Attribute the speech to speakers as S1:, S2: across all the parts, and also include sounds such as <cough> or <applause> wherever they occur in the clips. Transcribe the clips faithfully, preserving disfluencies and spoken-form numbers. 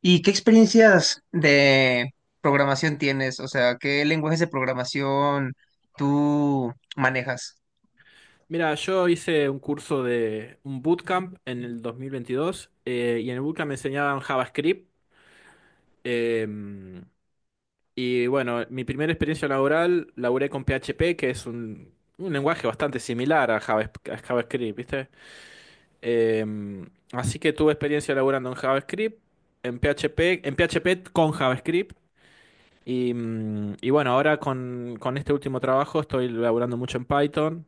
S1: ¿Y qué experiencias de programación tienes? O sea, ¿qué lenguajes de programación tú manejas?
S2: Mira, yo hice un curso de un bootcamp en el dos mil veintidós, eh, y en el bootcamp me enseñaban JavaScript. eh, y bueno, mi primera experiencia laboral laburé con P H P, que es un, un lenguaje bastante similar a Java- a JavaScript, ¿viste? Eh, Así que tuve experiencia laburando en JavaScript, en P H P, en P H P con JavaScript. Y, mm, y bueno, ahora con, con este último trabajo estoy laburando mucho en Python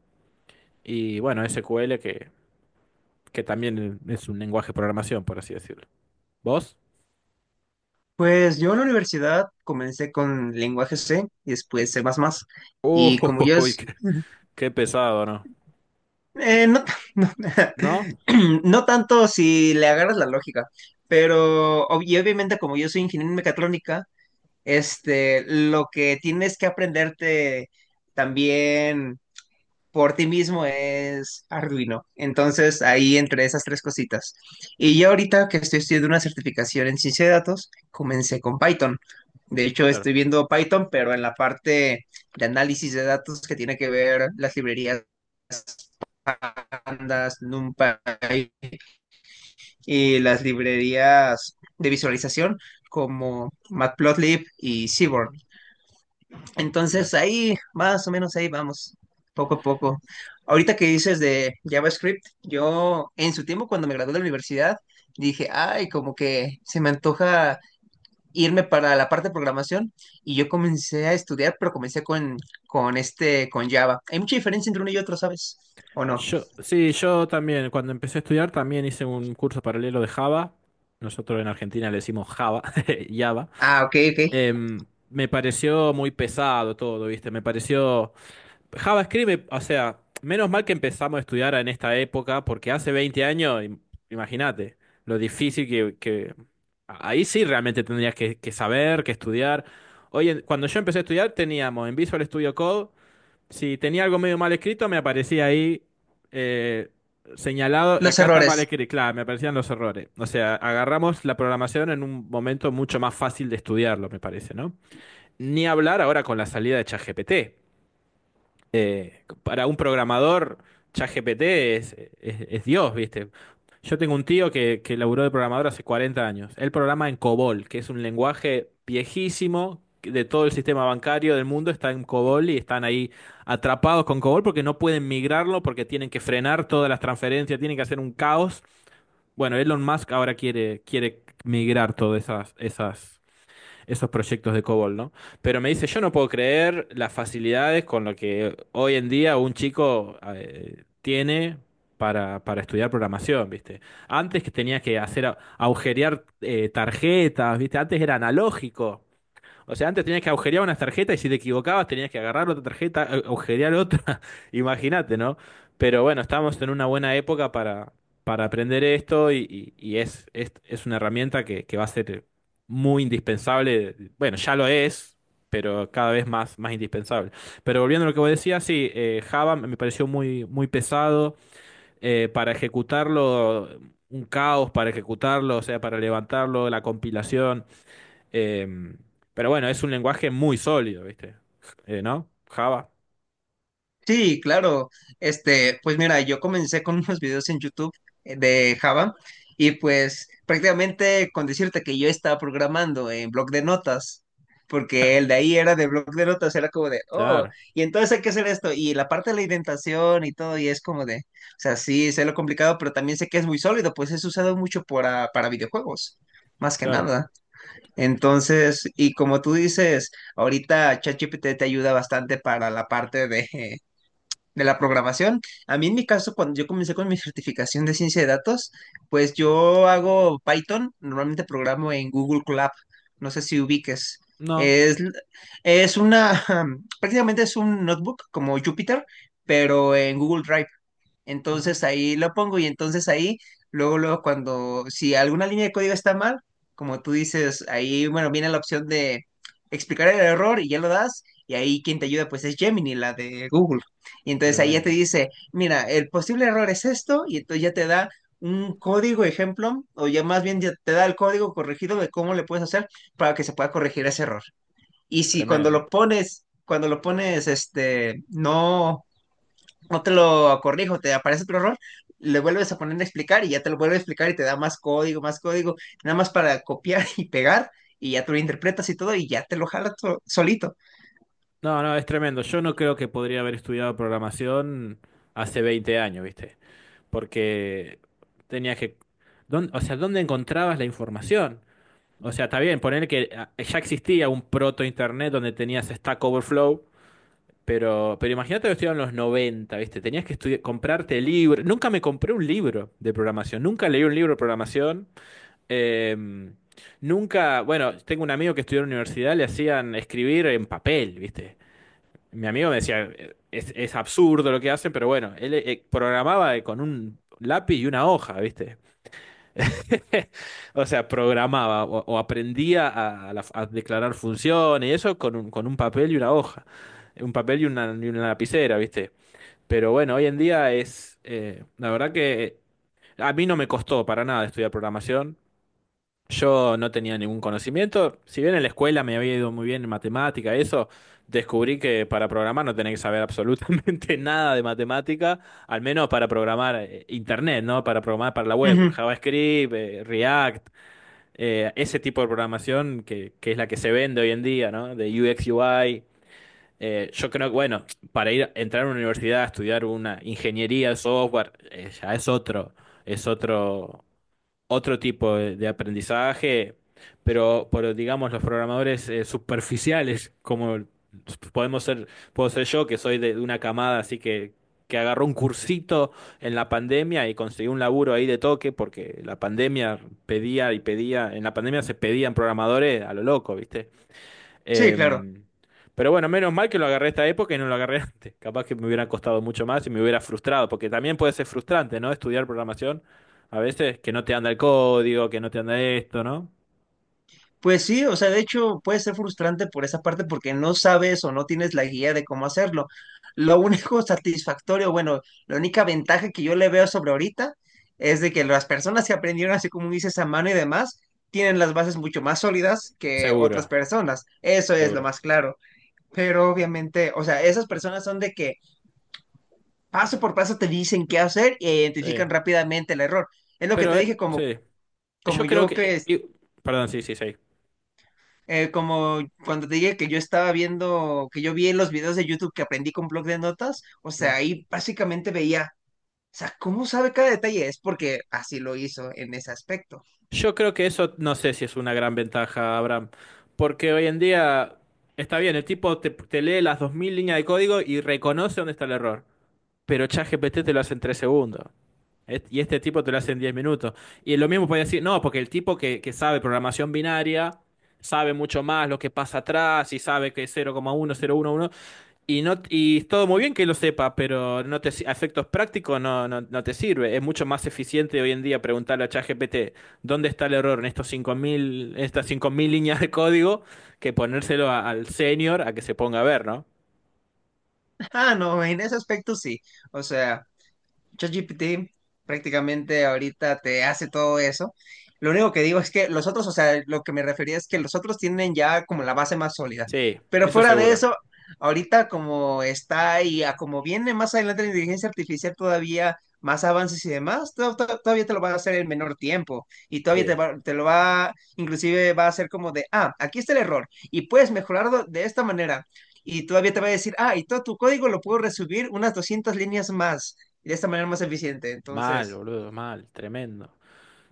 S2: y bueno, S Q L que que también es un lenguaje de programación, por así decirlo. ¿Vos?
S1: Pues yo en la universidad comencé con lenguaje C y después C++. Y como yo
S2: Uy,
S1: es...
S2: qué, qué pesado, ¿no?
S1: eh, no, <laughs> no,
S2: ¿No?
S1: <clears throat> no tanto si le agarras la lógica, pero ob- y obviamente, como yo soy ingeniero en mecatrónica, este, lo que tienes que aprenderte también por ti mismo es Arduino. Entonces, ahí entre esas tres cositas. Y yo ahorita que estoy estudiando una certificación en ciencia de datos, comencé con Python. De hecho,
S2: Claro.
S1: estoy viendo Python, pero en la parte de análisis de datos, que tiene que ver las librerías Pandas, NumPy y las librerías de visualización como Matplotlib y Seaborn.
S2: Ujú, claro.
S1: Entonces ahí, más o menos ahí vamos, poco a poco. Ahorita que dices de JavaScript, yo en su tiempo, cuando me gradué de la universidad, dije, ay, como que se me antoja irme para la parte de programación, y yo comencé a estudiar, pero comencé con, con, este, con Java. Hay mucha diferencia entre uno y otro, ¿sabes? ¿O no?
S2: Yo, sí, yo también, cuando empecé a estudiar, también hice un curso paralelo de Java. Nosotros en Argentina le decimos Java, <laughs> Java.
S1: Ah, ok, ok.
S2: Em, me pareció muy pesado todo, ¿viste? Me pareció... JavaScript, me- o sea, menos mal que empezamos a estudiar en esta época, porque hace veinte años, im- imagínate lo difícil que, que, Ahí sí realmente tendrías que, que saber, que estudiar. Oye, cuando yo empecé a estudiar teníamos en Visual Studio Code, si tenía algo medio mal escrito me aparecía ahí eh, señalado,
S1: Los
S2: acá está mal
S1: errores.
S2: escrito, claro, me aparecían los errores. O sea, agarramos la programación en un momento mucho más fácil de estudiarlo, me parece, ¿no? Ni hablar ahora con la salida de ChatGPT, eh, para un programador, ChatGPT es, es, es Dios, ¿viste? Yo tengo un tío que, que laburó de programador hace cuarenta años. Él programa en COBOL, que es un lenguaje viejísimo que de todo el sistema bancario del mundo. Está en COBOL y están ahí atrapados con COBOL porque no pueden migrarlo, porque tienen que frenar todas las transferencias, tienen que hacer un caos. Bueno, Elon Musk ahora quiere, quiere migrar todas esas, esas esos proyectos de COBOL, ¿no? Pero me dice, yo no puedo creer las facilidades con lo que hoy en día un chico eh, tiene para, para estudiar programación, ¿viste? Antes que tenía que hacer a- agujerear eh, tarjetas, ¿viste? Antes era analógico. O sea, antes tenías que agujerear unas tarjetas y si te equivocabas tenías que agarrar otra tarjeta, a- agujerear otra. <laughs> Imagínate, ¿no? Pero bueno, estamos en una buena época para, para aprender esto y, y- y es, es, es una herramienta que, que va a ser muy indispensable. Bueno, ya lo es, pero cada vez más, más indispensable. Pero volviendo a lo que vos decías, sí, eh, Java me pareció muy, muy pesado eh, para ejecutarlo, un caos para ejecutarlo, o sea, para levantarlo, la compilación. Eh, pero bueno, es un lenguaje muy sólido, ¿viste? Eh, ¿no? Java.
S1: Sí, claro. Este, pues mira, yo comencé con <laughs> unos videos en YouTube, eh, de Java, y pues prácticamente con decirte que yo estaba programando en bloc de notas, porque el de ahí era de bloc de notas, era como de, oh,
S2: Claro,
S1: y entonces hay que hacer esto, y la parte de la indentación y todo, y es como de, o sea, sí, sé lo complicado, pero también sé que es muy sólido, pues es usado mucho para para videojuegos. Más que
S2: claro.
S1: nada. Entonces, y como tú dices, ahorita ChatGPT te ayuda bastante para la parte de, de la programación. A mí en mi caso, cuando yo comencé con mi certificación de ciencia de datos, pues yo hago Python, normalmente programo en Google Colab, no sé si ubiques.
S2: No.
S1: Es, es una, <laughs> prácticamente es un notebook como Jupyter, pero en Google Drive.
S2: Ujú.
S1: Entonces ahí lo pongo, y entonces ahí, luego, luego, cuando, si alguna línea de código está mal, como tú dices, ahí, bueno, viene la opción de explicar el error y ya lo das, y ahí quien te ayuda pues es Gemini, la de Google. Y entonces ahí ya te
S2: Tremendo,
S1: dice, mira, el posible error es esto, y entonces ya te da un código ejemplo, o ya más bien ya te da el código corregido de cómo le puedes hacer para que se pueda corregir ese error. Y si, cuando
S2: tremendo.
S1: lo pones, cuando lo pones, este, no, no te lo corrijo, te aparece otro error, le vuelves a poner a explicar y ya te lo vuelve a explicar y te da más código, más código, nada más para copiar <laughs> y pegar, y ya tú lo interpretas y todo, y ya te lo jala to- solito.
S2: No, no, es tremendo. Yo no creo que podría haber estudiado programación hace veinte años, ¿viste? Porque tenías que... ¿dónde- o sea, ¿dónde encontrabas la información? O sea, está bien, poner que ah, ya existía un proto-internet donde tenías Stack Overflow. Pero, pero imagínate que estudiaba en los noventa, ¿viste? Tenías que estudi- comprarte libros. Nunca me compré un libro de programación. Nunca leí un libro de programación. Em, Nunca. Bueno, tengo un amigo que estudió en la universidad, le hacían escribir en papel, ¿viste? Mi amigo me decía, es, es absurdo lo que hacen, pero bueno, él eh, programaba con un lápiz y una hoja, ¿viste? <laughs> O sea, programaba o, o aprendía a, a la- a declarar funciones y eso con un, con un papel y una hoja. Un papel y una, y una lapicera, ¿viste? Pero bueno, hoy en día es, eh, la verdad que a mí no me costó para nada estudiar programación. Yo no tenía ningún conocimiento. Si bien en la escuela me había ido muy bien en matemática, eso, descubrí que para programar no tenés que saber absolutamente <laughs> nada de matemática, al menos para programar eh, internet, ¿no? Para programar para la web,
S1: Ujú.
S2: JavaScript, eh, React, eh, ese tipo de programación que, que es la que se vende hoy en día, ¿no? De U X U I. Eh, yo creo que, bueno, para ir entrar a una universidad a estudiar una ingeniería de software, eh, ya es otro, es otro, otro tipo de, de aprendizaje, pero, pero digamos, los programadores eh, superficiales, como podemos ser, puedo ser yo, que soy de, de una camada, así que, que agarró un cursito en la pandemia y consiguió un laburo ahí de toque, porque la pandemia pedía y pedía, en la pandemia se pedían programadores a lo loco, ¿viste?
S1: Sí, claro.
S2: Em, pero bueno, menos mal que lo agarré esta época y no lo agarré <laughs> antes. Capaz que me hubiera costado mucho más y me hubiera frustrado, porque también puede ser frustrante, ¿no? Estudiar programación a veces que no te anda el código, que no te anda esto, ¿no?
S1: Pues sí, o sea, de hecho puede ser frustrante por esa parte, porque no sabes o no tienes la guía de cómo hacerlo. Lo único <laughs> satisfactorio, bueno, la única ventaja que yo le veo sobre ahorita es de que las personas que aprendieron así como dices, a mano y demás, tienen las bases mucho más sólidas que otras
S2: Seguro,
S1: personas. Eso es lo
S2: seguro.
S1: más claro. Pero obviamente, o sea, esas personas son de que paso por paso te dicen qué hacer e
S2: Sí.
S1: identifican rápidamente el error. Es lo que te
S2: Pero, eh,
S1: dije, como
S2: sí.
S1: como
S2: Yo creo
S1: yo
S2: que...
S1: que
S2: y- perdón, sí, sí, sí.
S1: Eh, como cuando te dije que yo estaba viendo, que yo vi en los videos de YouTube, que aprendí con blog de notas, o sea,
S2: Mm.
S1: ahí básicamente veía, o sea, ¿cómo sabe cada detalle? Es porque así lo hizo en ese aspecto.
S2: Yo creo que eso no sé si es una gran ventaja, Abraham, porque hoy en día está bien, el tipo te, te lee las dos mil líneas de código y reconoce dónde está el error, pero ChatGPT te lo hace en tres segundos. Et- Y este tipo te lo hace en diez minutos. Y lo mismo puede decir, no, porque el tipo que, que sabe programación binaria sabe mucho más lo que pasa atrás y sabe que es cero coma uno cero uno uno. Y no, y es todo muy bien que lo sepa, pero no te si- a efectos prácticos no, no, no te sirve. Es mucho más eficiente hoy en día preguntarle a ChatGPT dónde está el error en estos cinco mil estas cinco mil líneas de código que ponérselo a- al senior a que se ponga a ver, ¿no?
S1: <laughs> Ah, no, en ese aspecto sí. O sea, ChatGPT prácticamente ahorita te hace todo eso. Lo único que digo es que los otros, o sea, lo que me refería, es que los otros tienen ya como la base más sólida.
S2: Sí,
S1: Pero
S2: eso
S1: fuera de
S2: seguro.
S1: eso, ahorita como está y a como viene más adelante la inteligencia artificial, todavía más avances y demás, to- to- todavía te lo va a hacer en menor tiempo, y todavía te
S2: Sí,
S1: va- te lo va, inclusive, va a hacer como de, ah, aquí está el error y puedes mejorarlo de esta manera. Y todavía te va a decir, ah, y todo tu código lo puedo resubir unas doscientas líneas más y de esta manera más eficiente.
S2: mal,
S1: Entonces,
S2: boludo, mal, tremendo.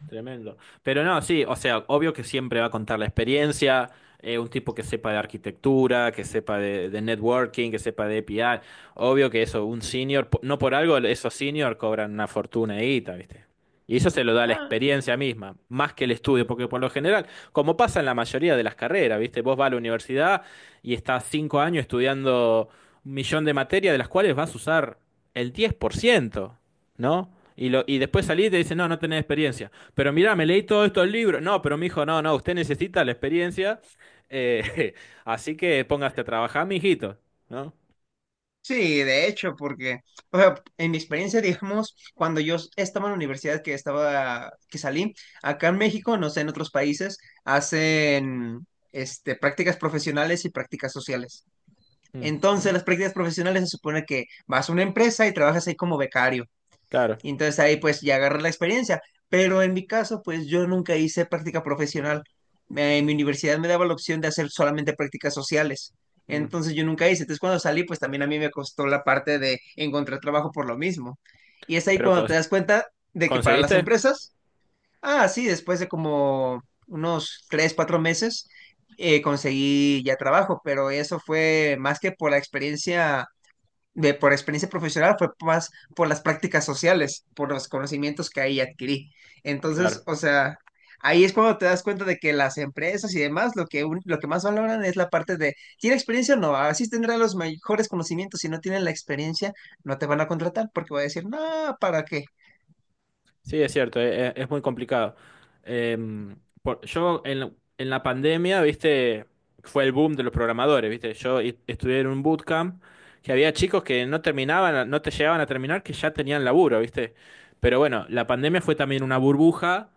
S2: Tremendo. Pero no, sí, o sea, obvio que siempre va a contar la experiencia, eh, un tipo que sepa de arquitectura, que sepa de, de networking, que sepa de A P I. Obvio que eso, un senior, po- no por algo esos senior cobran una fortuna de guita, ¿viste? Y eso se lo da la
S1: ah,
S2: experiencia misma, más que el estudio, porque por lo general, como pasa en la mayoría de las carreras, ¿viste? Vos vas a la universidad y estás cinco años estudiando un millón de materias, de las cuales vas a usar el diez por ciento, ¿no? Y, lo, y después salís y te dicen, no, no tenés experiencia. Pero mira, me leí todos estos libros. No, pero mi hijo, no, no, usted necesita la experiencia. eh, <laughs> Así que póngase a trabajar, mijito, ¿no?
S1: sí, de hecho, porque, o sea, en mi experiencia, digamos, cuando yo estaba en la universidad, que estaba, que salí, acá en México, no sé, en otros países, hacen, este, prácticas profesionales y prácticas sociales.
S2: Mm,
S1: Entonces, las prácticas profesionales se supone que vas a una empresa y trabajas ahí como becario.
S2: claro.
S1: Y entonces ahí pues ya agarré la experiencia. Pero en mi caso, pues yo nunca hice práctica profesional. Eh, en mi universidad me daba la opción de hacer solamente prácticas sociales.
S2: Mm.
S1: Entonces yo nunca hice. Entonces, cuando salí, pues también a mí me costó la parte de encontrar trabajo por lo mismo. Y es ahí
S2: Pero
S1: cuando te
S2: cons-
S1: das cuenta de que para las
S2: ¿conseguiste?
S1: empresas... Ah, sí, después de como unos tres, cuatro meses, eh, conseguí ya trabajo, pero eso fue más que por la experiencia de, por experiencia profesional, fue más por las prácticas sociales, por los conocimientos que ahí adquirí. Entonces,
S2: Claro.
S1: o sea, ahí es cuando te das cuenta de que las empresas y demás, lo que, un- lo que más valoran, es la parte de, ¿tiene experiencia? No, así tendrá los mejores conocimientos. Si no tienen la experiencia, no te van a contratar, porque va a decir, no, ¿para qué?
S2: Sí, es cierto, e- e- es, muy complicado. Em, por- yo en, la- en la pandemia, viste, fue el boom de los programadores, viste. Yo i- estudié en un bootcamp que había chicos que no terminaban, no te llegaban a terminar, que ya tenían laburo, viste. Pero bueno, la pandemia fue también una burbuja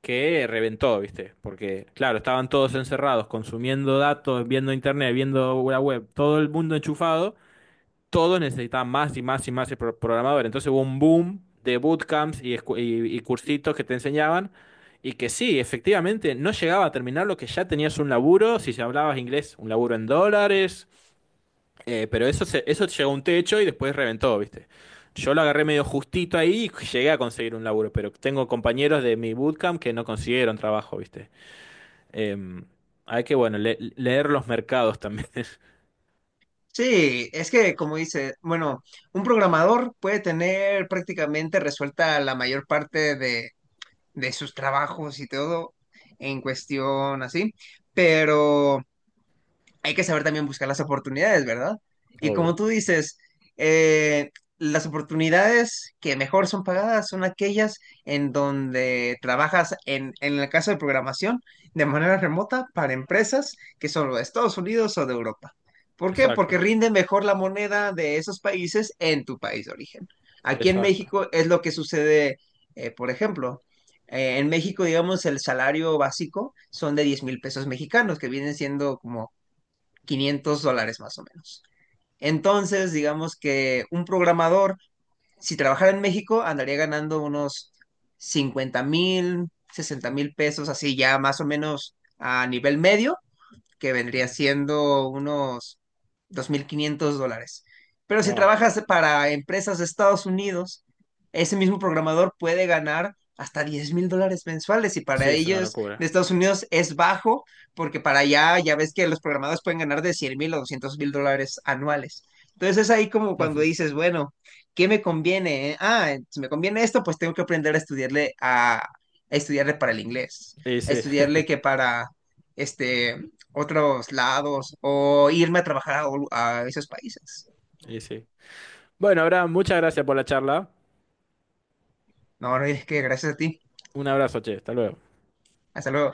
S2: que reventó, ¿viste? Porque, claro, estaban todos encerrados, consumiendo datos, viendo internet, viendo la web, todo el mundo enchufado, todos necesitaban más y más y más de pro- programadores. Entonces hubo un boom de bootcamps y, escu- y, y cursitos que te enseñaban. Y que sí, efectivamente, no llegaba a terminar lo que ya tenías un laburo, si hablabas inglés, un laburo en dólares, eh, pero eso, se- eso llegó a un techo y después reventó, ¿viste? Yo lo agarré medio justito ahí y llegué a conseguir un laburo, pero tengo compañeros de mi bootcamp que no consiguieron trabajo, ¿viste? Em, Hay que, bueno, le- leer los mercados también. <laughs>
S1: Sí, es que, como dice, bueno, un programador puede tener prácticamente resuelta la mayor parte de, de, sus trabajos y todo en cuestión así, pero hay que saber también buscar las oportunidades, ¿verdad? Y como
S2: Obvio.
S1: tú dices, eh, las oportunidades que mejor son pagadas son aquellas en donde trabajas, en, en el caso de programación, de manera remota, para empresas que son de Estados Unidos o de Europa. ¿Por qué? Porque
S2: Exacto,
S1: rinde mejor la moneda de esos países en tu país de origen. Aquí en
S2: exacto.
S1: México es lo que sucede, eh, por ejemplo, eh, en México, digamos, el salario básico son de diez mil pesos mexicanos, que vienen siendo como quinientos dólares, más o menos. Entonces, digamos que un programador, si trabajara en México, andaría ganando unos cincuenta mil, sesenta mil pesos, así, ya más o menos a nivel medio, que vendría siendo unos dos mil quinientos dólares. Pero si
S2: Wow.
S1: trabajas para empresas de Estados Unidos, ese mismo programador puede ganar hasta diez mil dólares mensuales, y
S2: Sí,
S1: para
S2: es una
S1: ellos de
S2: locura.
S1: Estados Unidos es bajo, porque para allá ya ves que los programadores pueden ganar de cien mil o doscientos mil dólares anuales. Entonces es ahí como cuando
S2: <laughs>
S1: dices, bueno, ¿qué me conviene? eh? Ah, si me conviene esto, pues tengo que aprender a estudiarle a, a, estudiarle para el inglés,
S2: Y
S1: a
S2: sí,
S1: estudiarle que para este otros lados, o irme a trabajar a, a, esos países.
S2: y sí. Bueno, Abraham, muchas gracias por la charla.
S1: No, no, es que gracias a ti.
S2: Un abrazo, che, hasta luego.
S1: Hasta luego.